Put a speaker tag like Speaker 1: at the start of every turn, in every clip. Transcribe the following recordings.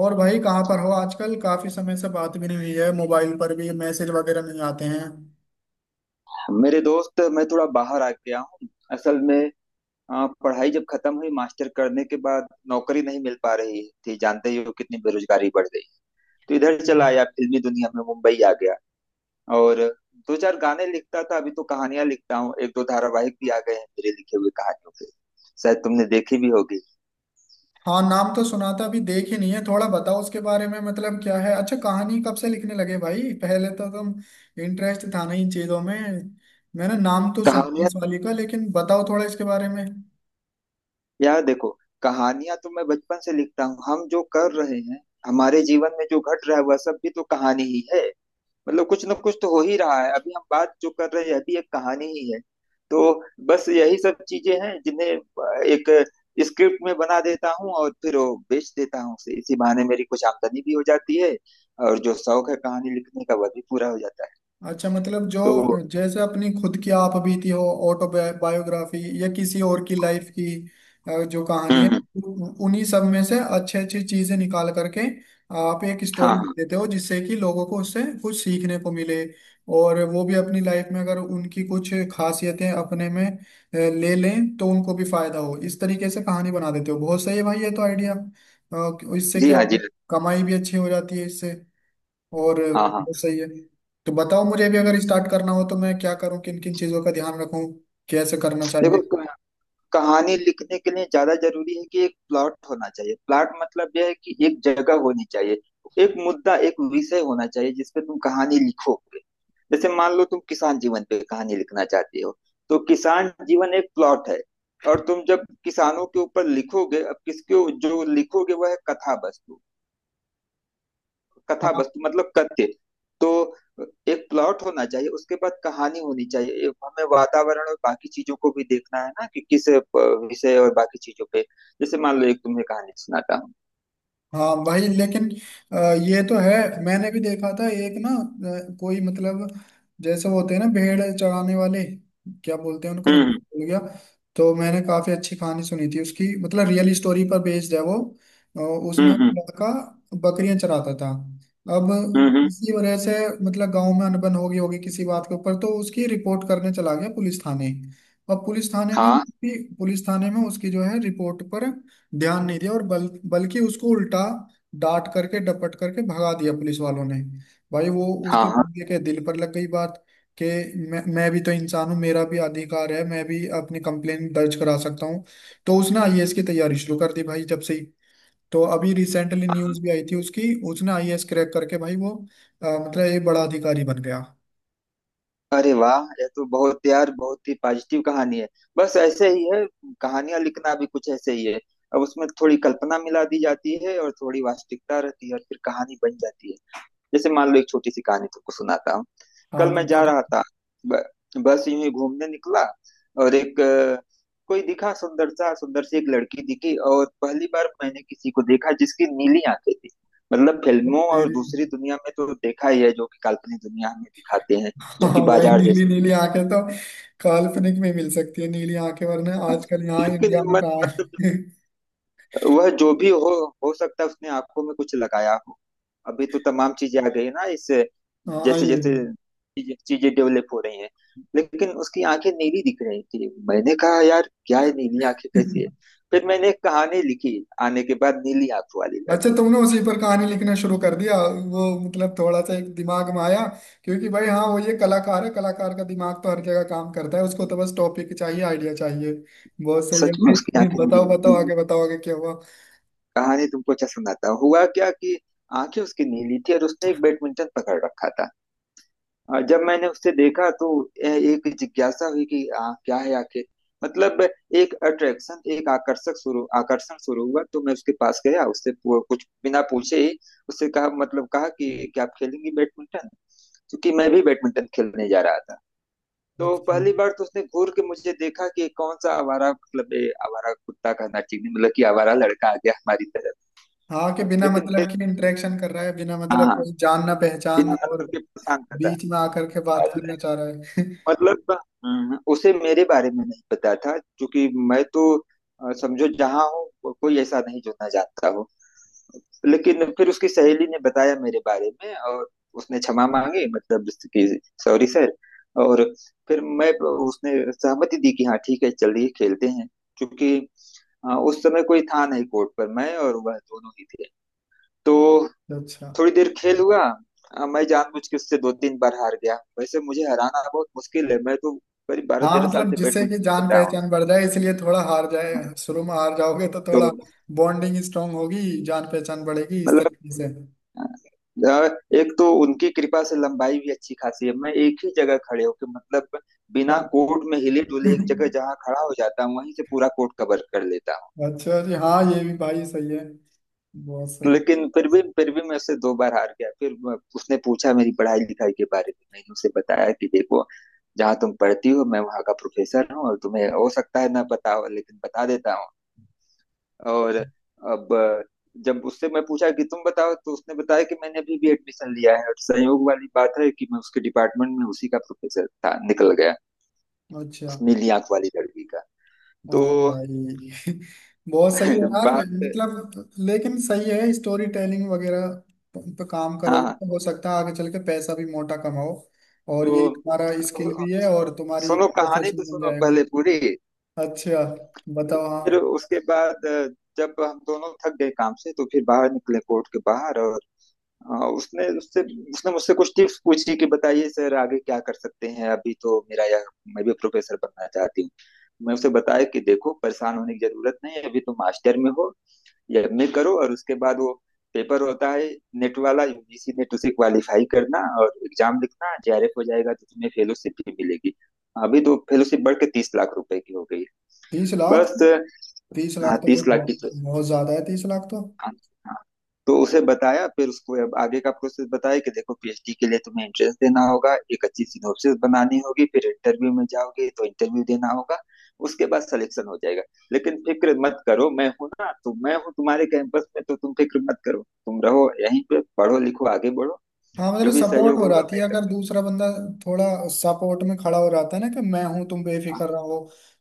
Speaker 1: और भाई, कहाँ पर हो? आजकल काफी समय से बात भी नहीं हुई है, मोबाइल पर भी मैसेज वगैरह नहीं आते हैं।
Speaker 2: मेरे दोस्त, मैं थोड़ा बाहर आ गया हूँ असल में। पढ़ाई जब खत्म हुई, मास्टर करने के बाद नौकरी नहीं मिल पा रही थी। जानते ही हो कितनी बेरोजगारी बढ़ गई। तो इधर चला आया, फिल्मी दुनिया में मुंबई आ गया। और दो चार गाने लिखता था, अभी तो कहानियां लिखता हूँ। एक दो धारावाहिक भी आ गए हैं मेरे लिखे हुए कहानियों के, शायद तुमने देखी भी होगी।
Speaker 1: हाँ, नाम तो सुना था, अभी देख ही नहीं है। थोड़ा बताओ उसके बारे में, मतलब क्या है? अच्छा, कहानी कब से लिखने लगे भाई? पहले तो तुम इंटरेस्ट था नहीं इन चीजों में। मैंने नाम तो सुना है
Speaker 2: कहानियां।
Speaker 1: इस वाली का, लेकिन बताओ थोड़ा इसके बारे में।
Speaker 2: यार देखो, कहानियां तो मैं बचपन से लिखता हूँ। हम जो कर रहे हैं, हमारे जीवन में जो घट रहा है वह सब भी तो कहानी ही है। मतलब कुछ ना कुछ तो हो ही रहा है, अभी हम बात जो कर रहे हैं अभी एक कहानी ही है। तो बस यही सब चीजें हैं जिन्हें एक स्क्रिप्ट में बना देता हूँ और फिर वो बेच देता हूँ उसे। इसी बहाने मेरी कुछ आमदनी भी हो जाती है, और जो शौक है कहानी लिखने का वह भी पूरा हो जाता है।
Speaker 1: अच्छा, मतलब जो
Speaker 2: तो।
Speaker 1: जैसे अपनी खुद की आप बीती हो, ऑटोबायोग्राफी या किसी और की लाइफ की, जो कहानी है।
Speaker 2: हम्म।
Speaker 1: उन्हीं सब में से अच्छी अच्छी चीजें निकाल करके आप एक
Speaker 2: हाँ
Speaker 1: स्टोरी लिख
Speaker 2: हाँ।
Speaker 1: देते हो, जिससे कि लोगों को उससे कुछ सीखने को मिले। और वो भी अपनी लाइफ में, अगर उनकी कुछ खासियतें अपने में ले लें, तो उनको भी फायदा हो। इस तरीके से कहानी बना देते हो, बहुत सही है भाई ये तो आइडिया। इससे
Speaker 2: जी
Speaker 1: क्या
Speaker 2: हाँ।
Speaker 1: होगा?
Speaker 2: जी
Speaker 1: कमाई भी अच्छी हो जाती है इससे। और
Speaker 2: हाँ। हाँ हाँ।
Speaker 1: वो सही है। तो बताओ, मुझे भी
Speaker 2: हम्म
Speaker 1: अगर स्टार्ट करना हो तो मैं क्या करूं, किन किन चीजों का ध्यान रखूं, कैसे करना
Speaker 2: देखो,
Speaker 1: चाहिए?
Speaker 2: कहानी लिखने के लिए ज्यादा जरूरी है कि एक प्लॉट होना चाहिए। प्लॉट मतलब यह है कि एक जगह होनी चाहिए, एक मुद्दा, एक विषय होना चाहिए जिस पे तुम कहानी लिखोगे। जैसे मान लो तुम किसान जीवन पे कहानी लिखना चाहते हो, तो किसान जीवन एक प्लॉट है। और तुम जब किसानों के ऊपर लिखोगे, अब किसके जो लिखोगे वह है कथा वस्तु। कथा
Speaker 1: हाँ।
Speaker 2: वस्तु मतलब कथ्य। तो एक प्लॉट होना चाहिए, उसके बाद कहानी होनी चाहिए। एक हमें वातावरण और बाकी चीजों को भी देखना है ना कि किस विषय और बाकी चीजों पे। जैसे मान लो, एक तुम्हें कहानी सुनाता हूँ।
Speaker 1: हाँ भाई, लेकिन अ, ये तो है। मैंने भी देखा था एक ना, कोई मतलब, जैसे वो होते हैं ना भेड़ चराने वाले, क्या बोलते हैं उनको, मैं
Speaker 2: हम्म
Speaker 1: भूल गया। तो मैंने काफी अच्छी कहानी सुनी थी उसकी, मतलब रियल स्टोरी पर बेस्ड है वो। उसमें
Speaker 2: हम्म
Speaker 1: वो
Speaker 2: हम्म
Speaker 1: लड़का बकरियां चराता था। अब
Speaker 2: हम्म। हम्म।
Speaker 1: इसी वजह से, मतलब गांव में अनबन हो गई होगी किसी बात के ऊपर, तो उसकी रिपोर्ट करने चला गया पुलिस थाने। अब पुलिस थाने में
Speaker 2: हाँ
Speaker 1: उसकी पुलिस थाने में उसकी जो है रिपोर्ट पर ध्यान नहीं दिया, और बल बल्कि उसको उल्टा डांट करके डपट करके भगा दिया पुलिस वालों ने। भाई वो
Speaker 2: हाँ
Speaker 1: उसके
Speaker 2: हाँ
Speaker 1: बंदे के दिल पर लग गई बात, कि मैं भी तो इंसान हूँ, मेरा भी अधिकार है, मैं भी अपनी कंप्लेंट दर्ज करा सकता हूँ। तो उसने आईएएस की तैयारी शुरू कर दी भाई जब से ही। तो अभी रिसेंटली
Speaker 2: हाँ।
Speaker 1: न्यूज़ भी आई थी उसकी, उसने आईएएस क्रैक करके भाई वो मतलब एक बड़ा अधिकारी बन गया।
Speaker 2: अरे वाह, यह तो बहुत यार, बहुत ही पॉजिटिव कहानी है। बस ऐसे ही है, कहानियां लिखना भी कुछ ऐसे ही है। अब उसमें थोड़ी कल्पना मिला दी जाती है और थोड़ी वास्तविकता रहती है और फिर कहानी बन जाती है। जैसे मान लो एक छोटी सी कहानी तुमको सुनाता हूँ।
Speaker 1: हाँ
Speaker 2: कल मैं
Speaker 1: बताओ
Speaker 2: जा
Speaker 1: तो।
Speaker 2: रहा था ब- बस यूं ही घूमने निकला। और एक कोई दिखा, सुंदर सा, सुंदर सी एक लड़की दिखी। और पहली बार मैंने किसी को देखा जिसकी नीली आंखें थी। मतलब फिल्मों और
Speaker 1: तेरी…
Speaker 2: दूसरी दुनिया में तो देखा ही है, जो कि काल्पनिक दुनिया हमें दिखाते हैं, जो
Speaker 1: हाँ
Speaker 2: कि
Speaker 1: वही,
Speaker 2: बाजार
Speaker 1: नीली
Speaker 2: जैसे।
Speaker 1: नीली आंखें तो काल्पनिक में मिल सकती है नीली आंखें, वरना आजकल यहाँ
Speaker 2: लेकिन
Speaker 1: इंडिया में कहाँ
Speaker 2: मतलब,
Speaker 1: है?
Speaker 2: वह जो भी हो सकता है उसने आंखों में कुछ लगाया हो। अभी तो तमाम चीजें आ गई है ना इस।
Speaker 1: हाँ
Speaker 2: जैसे
Speaker 1: ये।
Speaker 2: जैसे चीजें चीजें डेवलप हो रही हैं। लेकिन उसकी आंखें नीली दिख रही थी, मैंने कहा यार क्या है, नीली आंखें कैसी है। फिर मैंने एक कहानी लिखी आने के बाद, नीली आंखों वाली
Speaker 1: अच्छा,
Speaker 2: लड़की।
Speaker 1: तुमने उसी पर कहानी लिखना शुरू कर दिया, वो मतलब थोड़ा सा एक दिमाग में आया। क्योंकि भाई हाँ वो ये कलाकार है, कलाकार का दिमाग तो हर जगह काम करता है, उसको तो बस टॉपिक चाहिए, आइडिया चाहिए। बहुत सही
Speaker 2: सच में उसकी
Speaker 1: है।
Speaker 2: आंखें
Speaker 1: बताओ,
Speaker 2: नीली
Speaker 1: बताओ
Speaker 2: नीली।
Speaker 1: आगे, बताओ आगे क्या हुआ?
Speaker 2: कहानी तुमको अच्छा सुनाता हुआ क्या कि आंखें उसकी नीली थी और उसने एक बैडमिंटन पकड़ रखा था। जब मैंने उसे देखा तो यह एक जिज्ञासा हुई कि क्या है आखिर। मतलब एक अट्रैक्शन, एक आकर्षक शुरू आकर्षण शुरू हुआ। तो मैं उसके पास गया, उससे कुछ बिना पूछे ही उससे कहा, मतलब कहा कि क्या आप खेलेंगी बैडमिंटन। क्योंकि मैं भी बैडमिंटन खेलने जा रहा था। तो
Speaker 1: अच्छा।
Speaker 2: पहली बार तो उसने घूर के मुझे देखा कि कौन सा आवारा, मतलब ये आवारा कुत्ता का नाचिनी, मतलब कि आवारा लड़का आ गया हमारी तरफ।
Speaker 1: हाँ, कि बिना
Speaker 2: लेकिन फिर,
Speaker 1: मतलब की इंटरेक्शन कर रहा है, बिना मतलब
Speaker 2: हाँ,
Speaker 1: कोई जान ना पहचान,
Speaker 2: बिना
Speaker 1: और
Speaker 2: मतलब के पसंद करता
Speaker 1: बीच में आकर के बात
Speaker 2: है।
Speaker 1: करना चाह रहा है।
Speaker 2: मतलब, उसे मेरे बारे में नहीं पता था, क्योंकि मैं तो समझो जहाँ हूँ, कोई ऐसा नहीं जो ना जानता हो। लेकिन फिर उसकी सहेली ने बताया मेरे बारे में, और उसने क्षमा मांगी, मतलब कि सॉरी सर। और फिर मैं, उसने सहमति दी कि हाँ ठीक है, चलिए खेलते हैं। क्योंकि उस समय कोई था नहीं कोर्ट पर, मैं और वह दोनों ही थे। तो
Speaker 1: अच्छा।
Speaker 2: थोड़ी देर खेल हुआ। मैं जानबूझ के उससे दो तीन बार हार गया, वैसे मुझे हराना बहुत मुश्किल है। मैं तो करीब बारह
Speaker 1: हाँ
Speaker 2: तेरह साल
Speaker 1: मतलब
Speaker 2: से
Speaker 1: जिससे कि
Speaker 2: बैडमिंटन
Speaker 1: जान
Speaker 2: खेल रहा हूँ।
Speaker 1: पहचान बढ़ जाए, इसलिए थोड़ा हार जाए, शुरू में हार जाओगे तो
Speaker 2: तो
Speaker 1: थोड़ा बॉन्डिंग स्ट्रांग होगी, जान पहचान बढ़ेगी, इस
Speaker 2: मतलब,
Speaker 1: तरीके से।
Speaker 2: अ, एक तो उनकी कृपा से लंबाई भी अच्छी खासी है। मैं एक ही जगह खड़े होकर, मतलब
Speaker 1: और
Speaker 2: बिना कोर्ट में हिले डुले, एक जगह जहाँ खड़ा हो जाता हूँ वहीं से पूरा कोर्ट कवर कर लेता।
Speaker 1: अच्छा जी, हाँ ये भी भाई सही है, बहुत सही।
Speaker 2: लेकिन फिर भी मैं उससे दो बार हार गया। फिर उसने पूछा मेरी पढ़ाई लिखाई के बारे में। मैंने उसे बताया कि देखो जहाँ तुम पढ़ती हो मैं वहाँ का प्रोफेसर हूँ, और तुम्हें हो सकता है ना पता हो लेकिन बता देता हूँ। और अब जब उससे मैं पूछा कि तुम बताओ, तो उसने बताया कि मैंने अभी भी एडमिशन लिया है, और संयोग वाली बात है कि मैं उसके डिपार्टमेंट में उसी का प्रोफेसर था। निकल गया
Speaker 1: अच्छा।
Speaker 2: उस नीली आंख वाली लड़की का।
Speaker 1: हाँ
Speaker 2: तो
Speaker 1: भाई। बहुत सही है यार,
Speaker 2: बात।
Speaker 1: मतलब लेकिन सही है। स्टोरी टेलिंग वगैरह पे काम करोगे
Speaker 2: हाँ।
Speaker 1: तो हो सकता है आगे चल के पैसा भी मोटा कमाओ। और ये
Speaker 2: तो
Speaker 1: तुम्हारा स्किल
Speaker 2: तो,
Speaker 1: भी है, और तुम्हारी
Speaker 2: सुनो कहानी
Speaker 1: प्रोफेशन
Speaker 2: तो
Speaker 1: बन
Speaker 2: सुनो
Speaker 1: जाएगा।
Speaker 2: पहले पूरी।
Speaker 1: अच्छा, बताओ
Speaker 2: फिर
Speaker 1: हाँ।
Speaker 2: उसके बाद जब हम दोनों थक गए काम से, तो फिर बाहर निकले कोर्ट के बाहर। और अ, उसने उससे उसने मुझसे कुछ टिप्स पूछी कि बताइए सर आगे क्या कर सकते हैं, अभी तो मेरा यह, मैं भी प्रोफेसर बनना चाहती हूँ। मैं उसे बताया कि देखो परेशान होने की जरूरत नहीं है, अभी तुम मास्टर में हो, या एमए करो और उसके बाद वो पेपर होता है नेट वाला, यूजीसी नेट, उसे क्वालिफाई करना और एग्जाम लिखना, जेआरएफ हो जाएगा तो तुम्हें फेलोशिप भी मिलेगी। अभी तो फेलोशिप बढ़ के 30 लाख रुपए की हो गई।
Speaker 1: 30 लाख?
Speaker 2: बस।
Speaker 1: 30 लाख
Speaker 2: हाँ
Speaker 1: तो भाई
Speaker 2: 30 लाख की
Speaker 1: बहुत
Speaker 2: तो।
Speaker 1: बहुत ज्यादा है, 30 लाख तो।
Speaker 2: हाँ। हाँ। तो उसे बताया, फिर उसको अब आगे का प्रोसेस बताया कि देखो पीएचडी के लिए तुम्हें एंट्रेंस देना होगा, एक अच्छी सिनोप्सिस बनानी होगी, फिर इंटरव्यू में जाओगे तो इंटरव्यू देना होगा। उसके बाद सिलेक्शन हो जाएगा। लेकिन फिक्र मत करो, मैं हूं ना, तो मैं हूँ तुम्हारे कैंपस में, तो तुम फिक्र मत करो, तुम रहो यहीं पे पढ़ो लिखो आगे बढ़ो।
Speaker 1: हाँ मतलब
Speaker 2: जो भी
Speaker 1: सपोर्ट
Speaker 2: सहयोग
Speaker 1: हो
Speaker 2: होगा
Speaker 1: जाती
Speaker 2: मैं
Speaker 1: है,
Speaker 2: कर।
Speaker 1: अगर दूसरा बंदा थोड़ा सपोर्ट में खड़ा हो जाता है ना कि मैं हूं, तुम बेफिक्र रहो,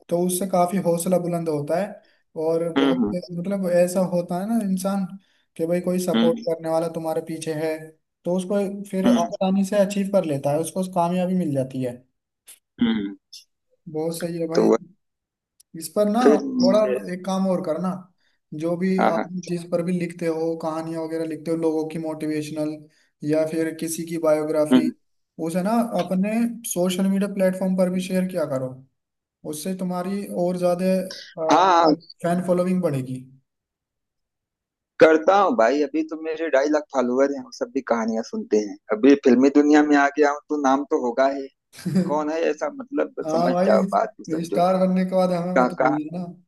Speaker 1: तो उससे काफी हौसला बुलंद होता है। और बहुत
Speaker 2: हम्म
Speaker 1: मतलब ऐसा होता है ना इंसान, कि भाई कोई
Speaker 2: हम्म
Speaker 1: सपोर्ट
Speaker 2: हम्म
Speaker 1: करने वाला तुम्हारे पीछे है, तो उसको फिर
Speaker 2: हम्म।
Speaker 1: आसानी से अचीव कर लेता है, उसको कामयाबी मिल जाती है।
Speaker 2: हम्म।
Speaker 1: बहुत सही है
Speaker 2: तो
Speaker 1: भाई। इस पर ना
Speaker 2: फिर
Speaker 1: थोड़ा एक काम और करना। जो भी
Speaker 2: हाँ
Speaker 1: आप
Speaker 2: हाँ।
Speaker 1: जिस पर भी लिखते हो, कहानियां वगैरह लिखते हो लोगों की मोटिवेशनल, या फिर किसी की बायोग्राफी,
Speaker 2: हम्म।
Speaker 1: उसे ना अपने सोशल मीडिया प्लेटफॉर्म पर भी शेयर किया करो। उससे तुम्हारी और ज्यादा
Speaker 2: हाँ।
Speaker 1: फैन फॉलोइंग बढ़ेगी।
Speaker 2: करता हूँ भाई, अभी तो मेरे 2.5 लाख फॉलोअर हैं, वो सब भी कहानियां सुनते हैं। अभी फिल्मी दुनिया में आ गया हूँ तो नाम तो होगा ही। कौन है ऐसा, मतलब
Speaker 1: हाँ
Speaker 2: समझ जाओ, बात को
Speaker 1: भाई,
Speaker 2: समझो।
Speaker 1: स्टार बनने के बाद हमें
Speaker 2: का,
Speaker 1: मत
Speaker 2: का,
Speaker 1: भूल जाना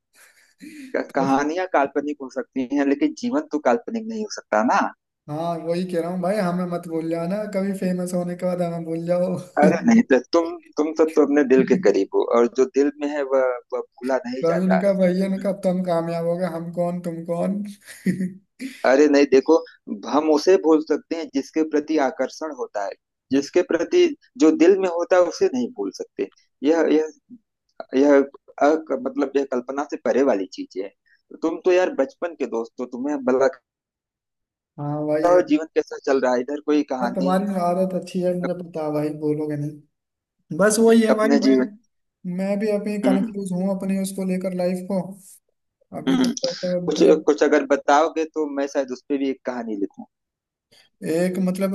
Speaker 1: कभी-
Speaker 2: कहानियां काल्पनिक हो सकती हैं, लेकिन जीवन तो काल्पनिक नहीं हो सकता ना।
Speaker 1: हाँ वही कह रहा हूँ भाई, हमें मत भूल जाना कभी, फेमस होने के बाद हमें भूल जाओ।
Speaker 2: अरे नहीं तो, तुम सब तो अपने दिल के करीब हो, और जो दिल में है वह भूला नहीं
Speaker 1: तो
Speaker 2: जाता।
Speaker 1: इनका भाई इनका, तुम कामयाब हो गए, हम कौन तुम कौन।
Speaker 2: अरे नहीं देखो, हम उसे भूल सकते हैं जिसके प्रति आकर्षण होता है, जिसके प्रति जो दिल में होता है उसे नहीं भूल सकते। यह यह यह मतलब यह कल्पना से परे वाली चीज है। तुम तो यार बचपन के दोस्त हो, तुम्हें भला लगता
Speaker 1: हाँ भाई ये।
Speaker 2: हो जीवन कैसा चल रहा है इधर, कोई
Speaker 1: हाँ
Speaker 2: कहानी।
Speaker 1: तुम्हारी आदत अच्छी है,
Speaker 2: अप,
Speaker 1: मुझे पता है भाई, बोलोगे नहीं। बस वही है भाई,
Speaker 2: अपने
Speaker 1: मैं
Speaker 2: जीवन।
Speaker 1: मैं भी अभी
Speaker 2: हम्म
Speaker 1: कंफ्यूज हूँ अपनी, उसको लेकर लाइफ को। अभी कुछ
Speaker 2: हम्म।
Speaker 1: ऐसा
Speaker 2: कुछ
Speaker 1: मतलब,
Speaker 2: कुछ अगर बताओगे तो मैं शायद उस पे भी एक कहानी लिखूं।
Speaker 1: एक मतलब,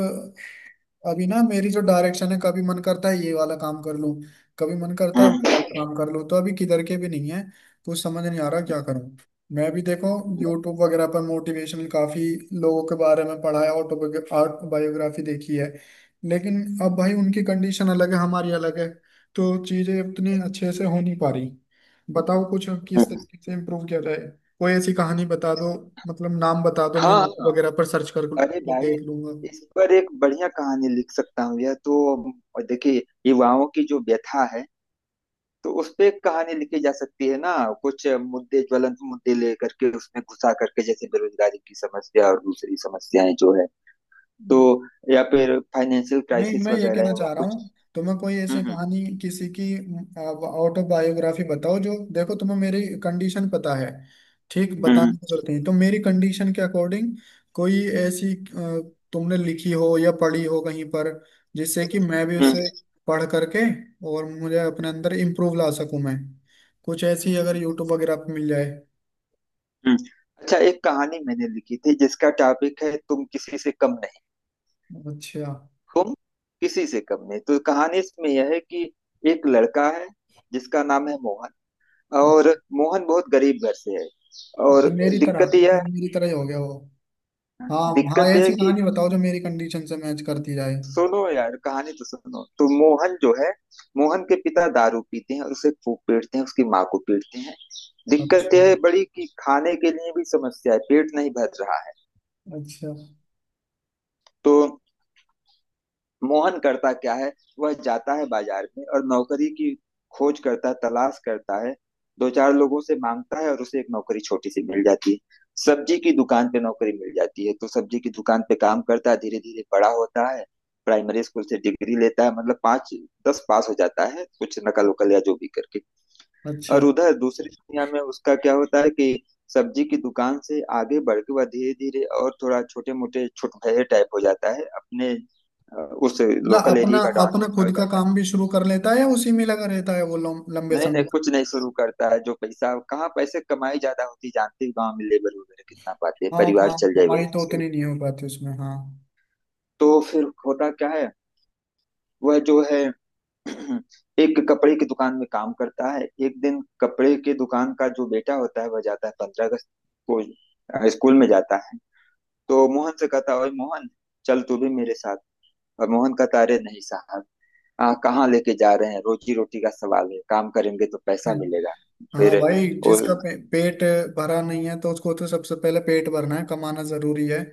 Speaker 1: अभी ना मेरी जो डायरेक्शन है, कभी मन करता है ये वाला काम कर लूं, कभी मन करता है वो
Speaker 2: हम्म।
Speaker 1: वाला काम कर लूं, तो अभी किधर के भी नहीं है, कुछ समझ नहीं आ रहा
Speaker 2: हम्म।
Speaker 1: क्या करूं। मैं भी देखो, यूट्यूब वगैरह पर मोटिवेशनल काफी लोगों के बारे में पढ़ा है, ऑटो बायोग्राफी देखी है, लेकिन अब भाई उनकी कंडीशन अलग है, हमारी अलग है, तो चीजें उतनी अच्छे से हो नहीं पा रही। बताओ कुछ, किस
Speaker 2: हम्म,
Speaker 1: तरीके से इम्प्रूव किया जाए, कोई ऐसी कहानी बता दो, मतलब नाम बता दो, मैं
Speaker 2: हाँ
Speaker 1: यूट्यूब
Speaker 2: हाँ।
Speaker 1: वगैरह पर सर्च कर
Speaker 2: अरे भाई,
Speaker 1: देख लूंगा।
Speaker 2: इस पर एक बढ़िया कहानी लिख सकता हूँ, यह तो देखिए, युवाओं की जो व्यथा है तो उस पे कहानी लिखी जा सकती है ना। कुछ मुद्दे, ज्वलंत मुद्दे लेकर के उसमें घुसा करके, जैसे बेरोजगारी की समस्या और दूसरी समस्याएं जो है, तो या फिर फाइनेंशियल
Speaker 1: नहीं,
Speaker 2: क्राइसिस
Speaker 1: मैं ये
Speaker 2: वगैरह
Speaker 1: कहना
Speaker 2: है वह
Speaker 1: चाह रहा
Speaker 2: कुछ।
Speaker 1: हूँ, तुम्हें कोई ऐसी
Speaker 2: हम्म
Speaker 1: कहानी किसी की ऑटोबायोग्राफी बताओ जो, देखो तुम्हें मेरी कंडीशन पता है, ठीक
Speaker 2: हम्म
Speaker 1: बताने
Speaker 2: हम्म
Speaker 1: की जरूरत नहीं, तो मेरी कंडीशन के अकॉर्डिंग कोई ऐसी तुमने लिखी हो या पढ़ी हो कहीं पर, जिससे कि मैं भी
Speaker 2: हम्म
Speaker 1: उसे पढ़ करके, और मुझे अपने अंदर इम्प्रूव ला सकूं मैं, कुछ ऐसी
Speaker 2: हम्म।
Speaker 1: अगर
Speaker 2: हम्म।
Speaker 1: यूट्यूब वगैरह पे मिल जाए।
Speaker 2: हम्म। अच्छा, एक कहानी मैंने लिखी थी जिसका टॉपिक है तुम किसी से कम नहीं।
Speaker 1: अच्छा।
Speaker 2: तुम किसी से कम नहीं, तो कहानी इसमें यह है कि एक लड़का है जिसका नाम है मोहन। और
Speaker 1: अच्छा।
Speaker 2: मोहन बहुत गरीब घर से है, और
Speaker 1: अच्छा, मेरी तरह
Speaker 2: दिक्कत यह
Speaker 1: मतलब, मेरी तरह ही हो गया वो। हाँ।
Speaker 2: है,
Speaker 1: हाँ,
Speaker 2: दिक्कत यह है
Speaker 1: ऐसी
Speaker 2: कि,
Speaker 1: कहानी बताओ जो मेरी कंडीशन से मैच करती जाए।
Speaker 2: सुनो यार कहानी तो सुनो, तो मोहन जो है, मोहन के पिता दारू पीते हैं और उसे खूब पीटते हैं, उसकी माँ को पीटते हैं। दिक्कत
Speaker 1: अच्छा।
Speaker 2: यह है बड़ी कि खाने के लिए भी समस्या है, पेट नहीं भर रहा है।
Speaker 1: अच्छा।
Speaker 2: तो मोहन करता क्या है, वह जाता है बाजार में और नौकरी की खोज करता है, तलाश करता है। दो चार लोगों से मांगता है और उसे एक नौकरी छोटी सी मिल जाती है, सब्जी की दुकान पे नौकरी मिल जाती है। तो सब्जी की दुकान पे काम करता है, धीरे धीरे बड़ा होता है, प्राइमरी स्कूल से डिग्री लेता है, मतलब पाँच दस पास हो जाता है कुछ नकल उकल या जो भी करके।
Speaker 1: अच्छा,
Speaker 2: और उधर दूसरी दुनिया में उसका क्या होता है कि सब्जी की दुकान से आगे बढ़ के वह धीरे धीरे और थोड़ा छोटे मोटे भये टाइप हो जाता है अपने, उस
Speaker 1: मतलब
Speaker 2: लोकल
Speaker 1: अपना,
Speaker 2: एरिया का डॉन
Speaker 1: अपना
Speaker 2: जैसा हो
Speaker 1: खुद का
Speaker 2: जाता है।
Speaker 1: काम भी शुरू कर लेता है, या उसी में लगा रहता है वो लंबे
Speaker 2: नहीं
Speaker 1: समय
Speaker 2: नहीं,
Speaker 1: तक?
Speaker 2: कुछ नहीं शुरू करता है, जो पैसा कहाँ, पैसे कमाई ज्यादा होती जानते ही, गाँव में लेबर वगैरह कितना पाते हैं,
Speaker 1: हाँ,
Speaker 2: परिवार
Speaker 1: काम
Speaker 2: चल जाए वही
Speaker 1: कमाई तो
Speaker 2: मुश्किल।
Speaker 1: उतनी नहीं हो पाती उसमें, हाँ।
Speaker 2: तो फिर होता क्या है, वह जो है एक कपड़े की दुकान में काम करता है। एक दिन कपड़े के दुकान का जो बेटा होता है वह जाता है 15 अगस्त को स्कूल में जाता है। तो मोहन से कहता, ओए मोहन चल तू भी मेरे साथ। और मोहन कहता, अरे नहीं साहब, कहाँ लेके जा रहे हैं, रोजी रोटी का सवाल है, काम करेंगे तो पैसा
Speaker 1: हम्म।
Speaker 2: मिलेगा।
Speaker 1: हाँ
Speaker 2: फिर
Speaker 1: भाई,
Speaker 2: वो।
Speaker 1: जिसका पेट भरा नहीं है तो उसको तो सबसे पहले पेट भरना है, कमाना जरूरी है,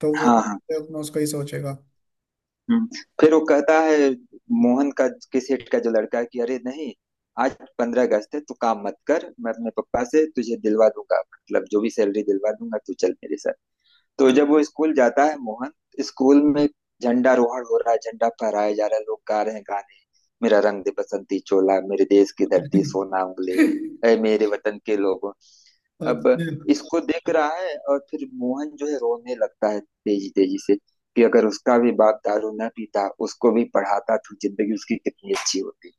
Speaker 1: तो वो
Speaker 2: हाँ हाँ।
Speaker 1: तो अपना उसका ही सोचेगा।
Speaker 2: हम्म। फिर वो कहता है, मोहन का, के सेठ का जो लड़का है, कि अरे नहीं आज 15 अगस्त है, तू काम मत कर, मैं अपने पापा से तुझे दिलवा दूंगा, मतलब जो भी सैलरी दिलवा दूंगा, तू चल मेरे साथ। तो जब वो स्कूल जाता है मोहन, स्कूल में झंडारोहण हो रहा है, झंडा फहराया जा रहा है, लोग गा रहे हैं गाने, मेरा रंग दे बसंती चोला, मेरे देश की धरती सोना उंगले, ऐ मेरे वतन के लोगों। अब
Speaker 1: अच्छा।
Speaker 2: इसको देख रहा है और फिर मोहन जो है रोने लगता है तेजी तेजी से कि अगर उसका भी बाप दारू न पीता, उसको भी पढ़ाता, तो जिंदगी उसकी कितनी अच्छी होती।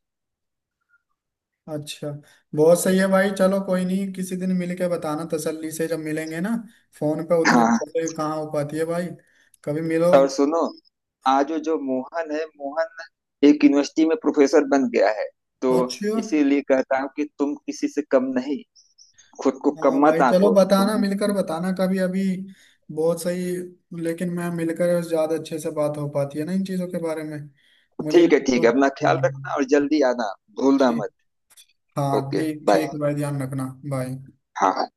Speaker 1: अच्छा। बहुत सही है भाई, चलो कोई नहीं, किसी दिन मिल के बताना तसल्ली से, जब मिलेंगे ना। फोन पे उतने
Speaker 2: हाँ।
Speaker 1: से कहाँ हो पाती है भाई, कभी मिलो।
Speaker 2: और सुनो, आज जो मोहन है, मोहन एक यूनिवर्सिटी में प्रोफेसर बन गया है। तो
Speaker 1: अच्छा।
Speaker 2: इसीलिए कहता हूँ कि तुम किसी से कम नहीं, खुद को
Speaker 1: हाँ
Speaker 2: कम
Speaker 1: भाई,
Speaker 2: मत
Speaker 1: चलो
Speaker 2: आंको तुम।
Speaker 1: बताना, मिलकर बताना कभी, अभी बहुत सही। लेकिन मैं मिलकर ज्यादा अच्छे से बात हो पाती है ना इन चीजों के बारे में, मुझे भी
Speaker 2: ठीक है ठीक
Speaker 1: थोड़ा।
Speaker 2: है, अपना ख्याल
Speaker 1: हाँ
Speaker 2: रखना और जल्दी आना, भूलना
Speaker 1: ठीक।
Speaker 2: मत।
Speaker 1: हाँ
Speaker 2: ओके,
Speaker 1: ठीक,
Speaker 2: बाय।
Speaker 1: ठीक भाई, ध्यान रखना। बाय।
Speaker 2: हाँ हाँ।